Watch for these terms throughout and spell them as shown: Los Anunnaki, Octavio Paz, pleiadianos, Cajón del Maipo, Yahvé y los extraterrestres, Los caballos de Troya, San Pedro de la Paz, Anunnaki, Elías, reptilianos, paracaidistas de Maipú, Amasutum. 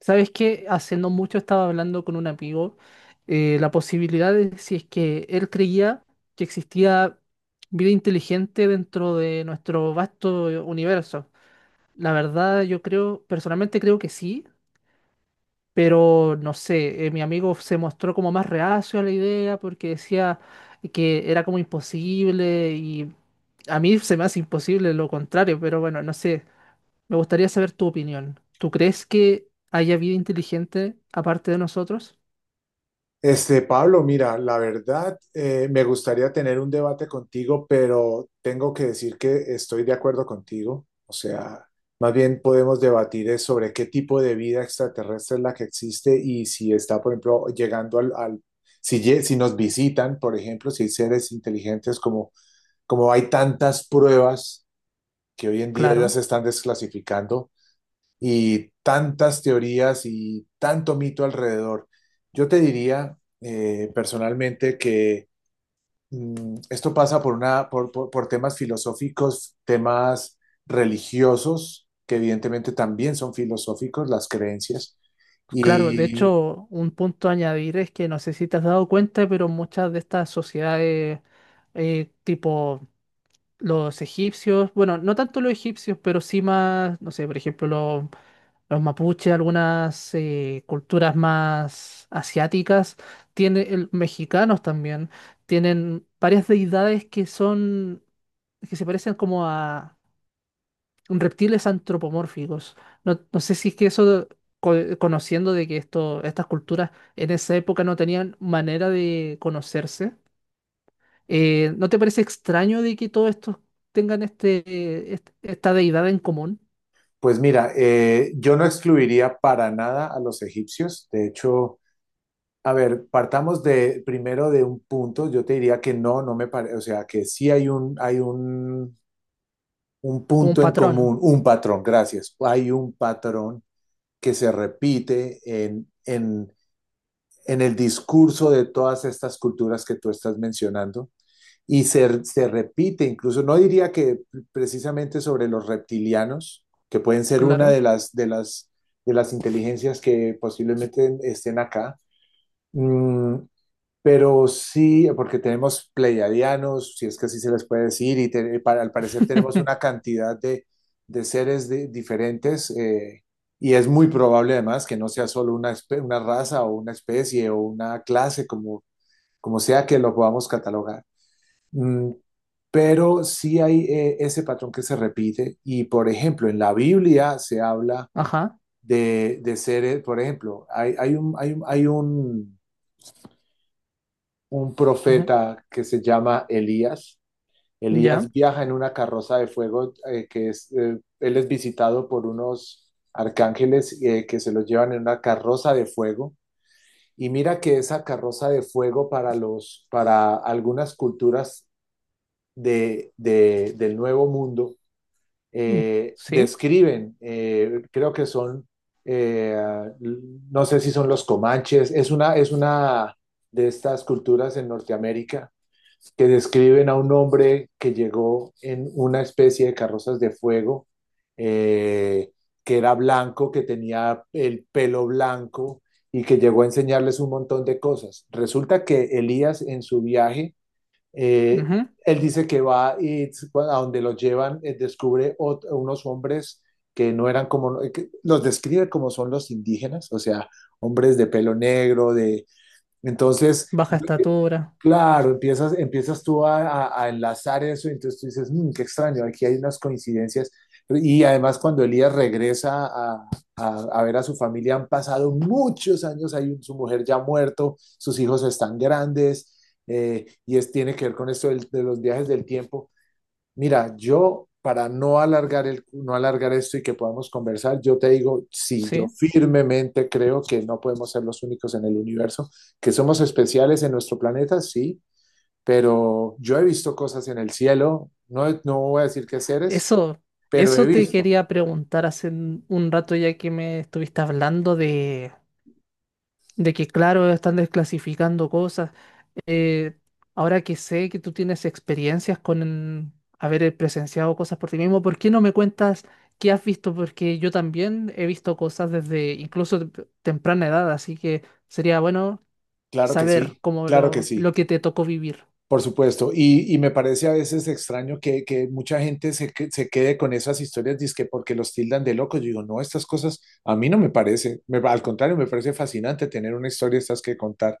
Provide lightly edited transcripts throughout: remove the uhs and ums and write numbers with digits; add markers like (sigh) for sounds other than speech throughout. ¿Sabes qué? Hace no mucho estaba hablando con un amigo, la posibilidad de si es que él creía que existía vida inteligente dentro de nuestro vasto universo. La verdad, yo creo, personalmente creo que sí, pero no sé, mi amigo se mostró como más reacio a la idea porque decía que era como imposible y a mí se me hace imposible lo contrario, pero bueno, no sé. Me gustaría saber tu opinión. ¿Tú crees que haya vida inteligente aparte de nosotros? Pablo, mira, la verdad, me gustaría tener un debate contigo, pero tengo que decir que estoy de acuerdo contigo. O sea, más bien podemos debatir es sobre qué tipo de vida extraterrestre es la que existe y si está, por ejemplo, llegando si, si nos visitan, por ejemplo, si hay seres inteligentes, como, como hay tantas pruebas que hoy en día ya se Claro, están desclasificando y tantas teorías y tanto mito alrededor. Yo te diría personalmente que esto pasa por, una, por temas filosóficos, temas religiosos, que evidentemente también son filosóficos, las creencias. claro. De Y hecho, un punto a añadir es que no sé si te has dado cuenta, pero muchas de estas sociedades, tipo los egipcios, bueno, no tanto los egipcios, pero sí más, no sé, por ejemplo, los, los mapuches, algunas culturas más asiáticas, mexicanos también, tienen varias deidades que son, que se parecen como a reptiles antropomórficos. No, no sé si es que eso, co- conociendo de que estas culturas en esa época no tenían manera de conocerse, ¿no te parece extraño de que todos estos tengan esta deidad en común, pues mira, yo no excluiría para nada a los egipcios. De hecho, a ver, partamos de primero de un punto. Yo te diría que no, no me parece, o sea, que sí hay un un como un punto en patrón? común, un patrón, gracias. Hay un patrón que se repite en el discurso de todas estas culturas que tú estás mencionando y se repite incluso, no diría que precisamente sobre los reptilianos, que pueden ser una de Claro. De las inteligencias que posiblemente estén acá, mm, pero sí, porque tenemos pleiadianos, si es que así se les puede decir, y para, al parecer tenemos una (laughs) cantidad de seres diferentes, y es muy probable además que no sea solo una, una raza o una especie o una clase, como, como sea que lo podamos catalogar. Mm, pero sí hay ese patrón que se repite, y por ejemplo, en la Biblia se habla Ajá. De seres, por ejemplo, un Ujú. profeta que se llama Elías. Ya. Elías viaja en una carroza de fuego que es, él es visitado por unos arcángeles que se lo llevan en una carroza de fuego. Y mira que esa carroza de fuego para los, para algunas culturas del Nuevo Mundo Mm. Sí. describen, creo que son, eh, no sé si son los comanches, es una de estas culturas en Norteamérica que describen a un hombre que llegó en una especie de carrozas de fuego, eh, que era blanco, que tenía el pelo blanco y que llegó a enseñarles un montón de cosas. Resulta que Elías en su viaje, eh, Ujú. él dice que va a donde lo llevan, descubre otro, unos hombres que no eran como, que los describe como son los indígenas, o sea, hombres de pelo negro, de, entonces, Baja estatura. claro, empiezas tú a, a enlazar eso, y entonces tú dices, "Mm, qué extraño, aquí hay unas coincidencias. Y además cuando Elías regresa a, a ver a su familia, han pasado muchos años, hay su mujer ya muerto, sus hijos están grandes, y es, tiene que ver con esto de los viajes del tiempo. Mira, yo para no alargar el, no alargar esto y que podamos conversar, yo te digo, sí, yo Sí. firmemente creo que no podemos ser los únicos en el universo, que somos especiales en nuestro planeta, sí, pero yo he visto cosas en el cielo, no, no voy a decir qué seres, Eso, pero he eso te visto, quería preguntar hace un rato ya que me estuviste hablando de que, claro, están desclasificando cosas. Eh, ahora que sé que tú tienes experiencias con haber presenciado cosas por ti mismo, ¿por qué no me cuentas qué has visto? Porque yo también he visto cosas desde incluso temprana edad, así que sería bueno claro que saber sí, claro que sí. lo que te tocó vivir. Por supuesto, y me parece a veces extraño que mucha gente se quede con esas historias, dizque porque los tildan de locos. Yo digo, no, estas cosas a mí no me parece, al contrario, me parece fascinante tener una historia de estas que contar,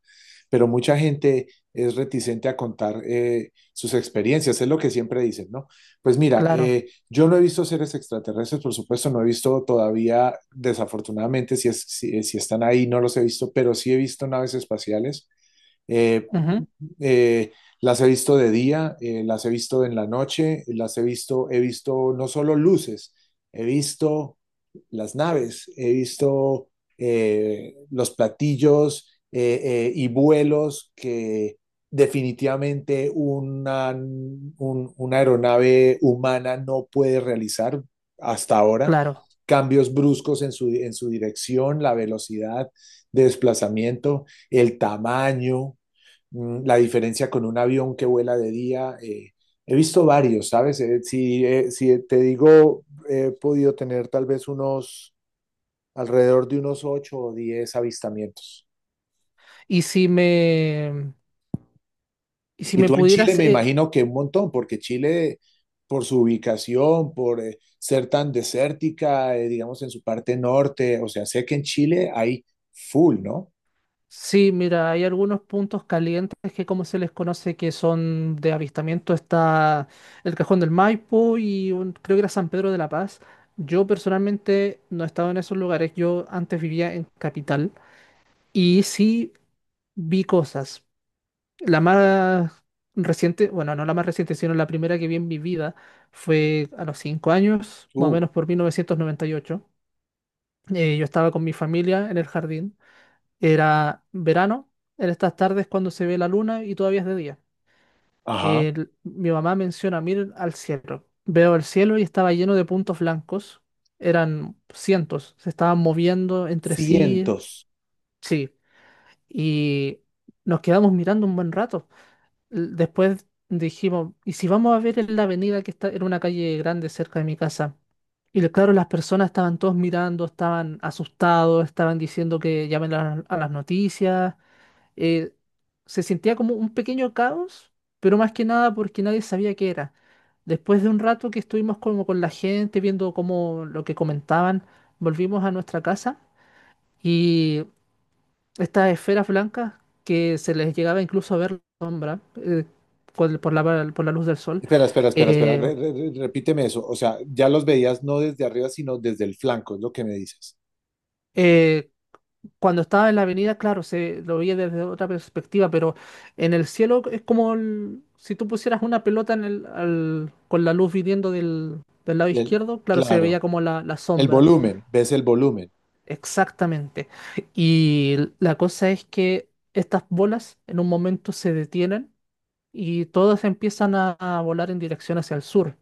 pero mucha gente es reticente a contar sus experiencias, es lo que siempre dicen, ¿no? Pues mira, Claro. Yo no he visto seres extraterrestres, por supuesto, no he visto todavía, desafortunadamente, si, si están ahí, no los he visto, pero sí he visto naves espaciales. Eh, Ujú. eh, las he visto de día, las he visto en la noche, las he visto no solo luces, he visto las naves, he visto los platillos y vuelos que definitivamente una, una aeronave humana no puede realizar hasta ahora. Claro. Cambios bruscos en su dirección, la velocidad de desplazamiento, el tamaño, mm, la diferencia con un avión que vuela de día. He visto varios, ¿sabes? Si te digo, he podido tener tal vez unos, alrededor de unos 8 o 10 avistamientos. Y si me, y si Y me tú en Chile pudieras me imagino que un montón, porque Chile, por su ubicación, por ser tan desértica, digamos en su parte norte, o sea, sé que en Chile hay full, ¿no? sí, mira, hay algunos puntos calientes que como se les conoce que son de avistamiento, está el Cajón del Maipo y creo que era San Pedro de la Paz. Yo personalmente no he estado en esos lugares, yo antes vivía en Capital y sí vi cosas. La más reciente, bueno, no la más reciente, sino la primera que vi en mi vida fue a los cinco años, más o Uh, menos por 1998. Yo estaba con mi familia en el jardín, era verano, en estas tardes cuando se ve la luna y todavía es de día. ajá. Mi mamá menciona, miren al cielo. Veo el cielo y estaba lleno de puntos blancos. Eran cientos, se estaban moviendo entre sí. Cientos. Sí, y nos quedamos mirando un buen rato. Después dijimos, ¿y si vamos a ver en la avenida que está en una calle grande cerca de mi casa? Claro, las personas estaban todos mirando, estaban asustados, estaban diciendo que llamen a las noticias, eh, se sentía como un pequeño caos, pero más que nada porque nadie sabía qué era. Después de un rato que estuvimos como con la gente, viendo como lo que comentaban, volvimos a nuestra casa y estas esferas blancas que se les llegaba incluso a ver la sombra por la luz del sol, Espera, espera, espera, espera. eh, Repíteme eso. O sea, ya los veías no desde arriba, sino desde el flanco, es lo que me dices. eh, cuando estaba en la avenida, claro, se lo veía desde otra perspectiva, pero en el cielo es como si tú pusieras una pelota en con la luz viniendo del, del lado Del- izquierdo, claro, se claro. veía como la El sombra. volumen, ves el volumen. Exactamente. Y la cosa es que estas bolas en un momento se detienen y todas empiezan a volar en dirección hacia el sur.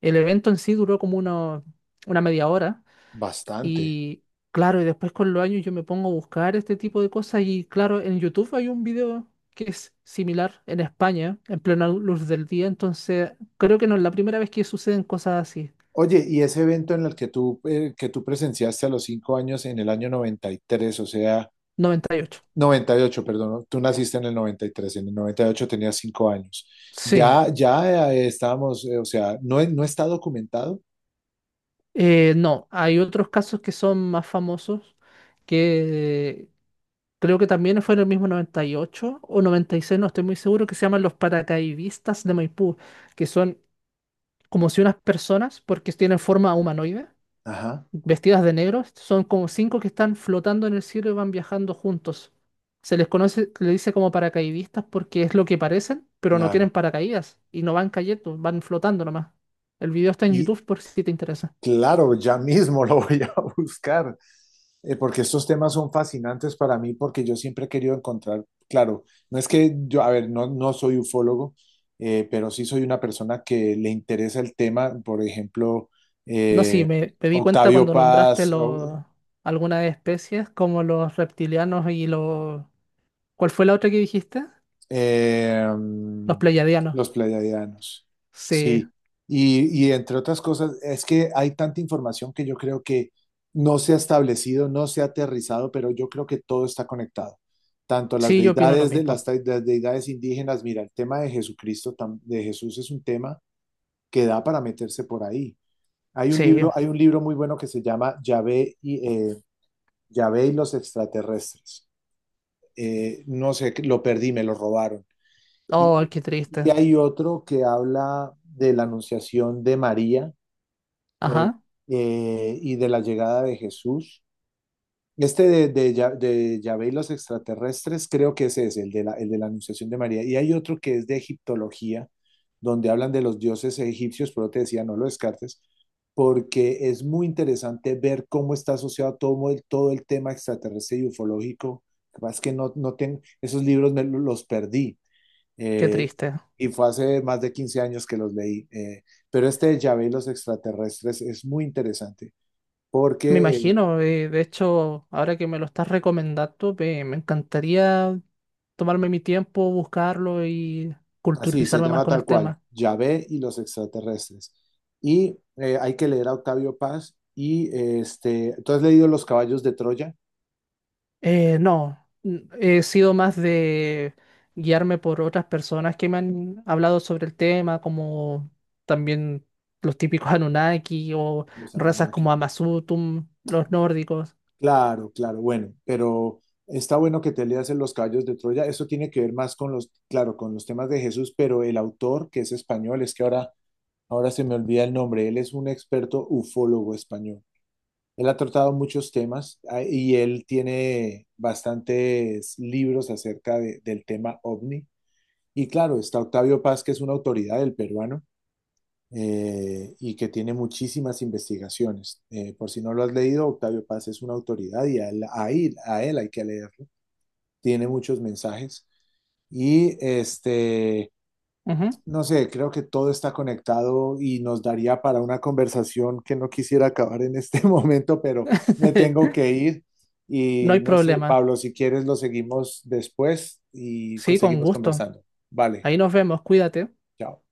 El evento en sí duró como una media hora, Bastante. y claro, y después con los años yo me pongo a buscar este tipo de cosas y claro, en YouTube hay un video que es similar en España, en plena luz del día, entonces creo que no es la primera vez que suceden cosas así. Oye, y ese evento en el que tú presenciaste a los 5 años en el año 93, o sea, Noventa y ocho. 98, perdón, ¿no? Tú naciste en el 93, en el 98 tenías 5 años. Sí. Ya, ya estábamos, o sea, no, no está documentado. No, hay otros casos que son más famosos que creo que también fue en el mismo 98 o noventa y seis, no estoy muy seguro, que se llaman los paracaidistas de Maipú, que son como si unas personas, porque tienen forma humanoide, Ajá, vestidas de negro. Son como cinco que están flotando en el cielo y van viajando juntos. Se les conoce, le dice como paracaidistas porque es lo que parecen, pero no claro. tienen paracaídas y no van cayendo, van flotando nomás. El video está en Y, YouTube por si te interesa. claro, ya mismo lo voy a (laughs) buscar, porque estos temas son fascinantes para mí, porque yo siempre he querido encontrar, claro, no es que yo, a ver, no, no soy ufólogo, pero sí soy una persona que le interesa el tema, por ejemplo, No, sí, eh, me di cuenta Octavio cuando nombraste Paz, o- los algunas especies como los reptilianos y los... ¿Cuál fue la otra que dijiste? Eh, Los pleiadianos. los pleiadianos, Sí, sí. Y entre otras cosas, es que hay tanta información que yo creo que no se ha establecido, no se ha aterrizado, pero yo creo que todo está conectado. Tanto las sí, yo opino lo deidades de las, mismo. Las deidades indígenas, mira, el tema de Jesucristo, de Jesús es un tema que da para meterse por ahí. Sí. Hay un libro muy bueno que se llama Yahvé y, Yahvé y los extraterrestres. No sé, lo perdí, me lo robaron. Oh, Y, qué y triste. hay otro que habla de la anunciación de María eh, Ajá, y de la llegada de Jesús. Este de Yahvé y los extraterrestres creo que ese es el de la anunciación de María. Y hay otro que es de egiptología, donde hablan de los dioses egipcios, pero te decía, no lo descartes, porque es muy interesante ver cómo está asociado todo el tema extraterrestre y ufológico. Lo que pasa es que no, no tengo, esos libros los perdí qué eh, triste. y fue hace más de 15 años que los leí. Pero este de Yahvé y los extraterrestres es muy interesante Me porque imagino, de hecho, ahora que me lo estás recomendando, me encantaría tomarme mi tiempo, buscarlo y así se culturizarme más llama con tal el cual, tema. Yahvé y los extraterrestres. Y hay que leer a Octavio Paz y ¿tú has leído Los caballos de Troya? No, he sido más de guiarme por otras personas que me han hablado sobre el tema, como también los típicos (laughs) Anunnaki o Los razas Anunnaki. como Amasutum, los nórdicos. Claro, claro, bueno, pero está bueno que te leas en Los caballos de Troya. Eso tiene que ver más con los, claro, con los temas de Jesús, pero el autor, que es español, es que ahora se me olvida el nombre. Él es un experto ufólogo español. Él ha tratado muchos temas ah, y él tiene bastantes libros acerca del tema ovni. Y claro, está Octavio Paz, que es una autoridad del peruano y que tiene muchísimas investigaciones. Por si no lo has leído, Octavio Paz es una autoridad y a él hay que leerlo. Tiene muchos mensajes. Y este, Ujú. no sé, creo que todo está conectado y nos daría para una conversación que no quisiera acabar en este (laughs) momento, pero me tengo (laughs) que ir No y hay no sé, problema. Pablo, si quieres lo seguimos después y Sí, con seguimos gusto. conversando. Vale, Ahí nos vemos, cuídate. chao.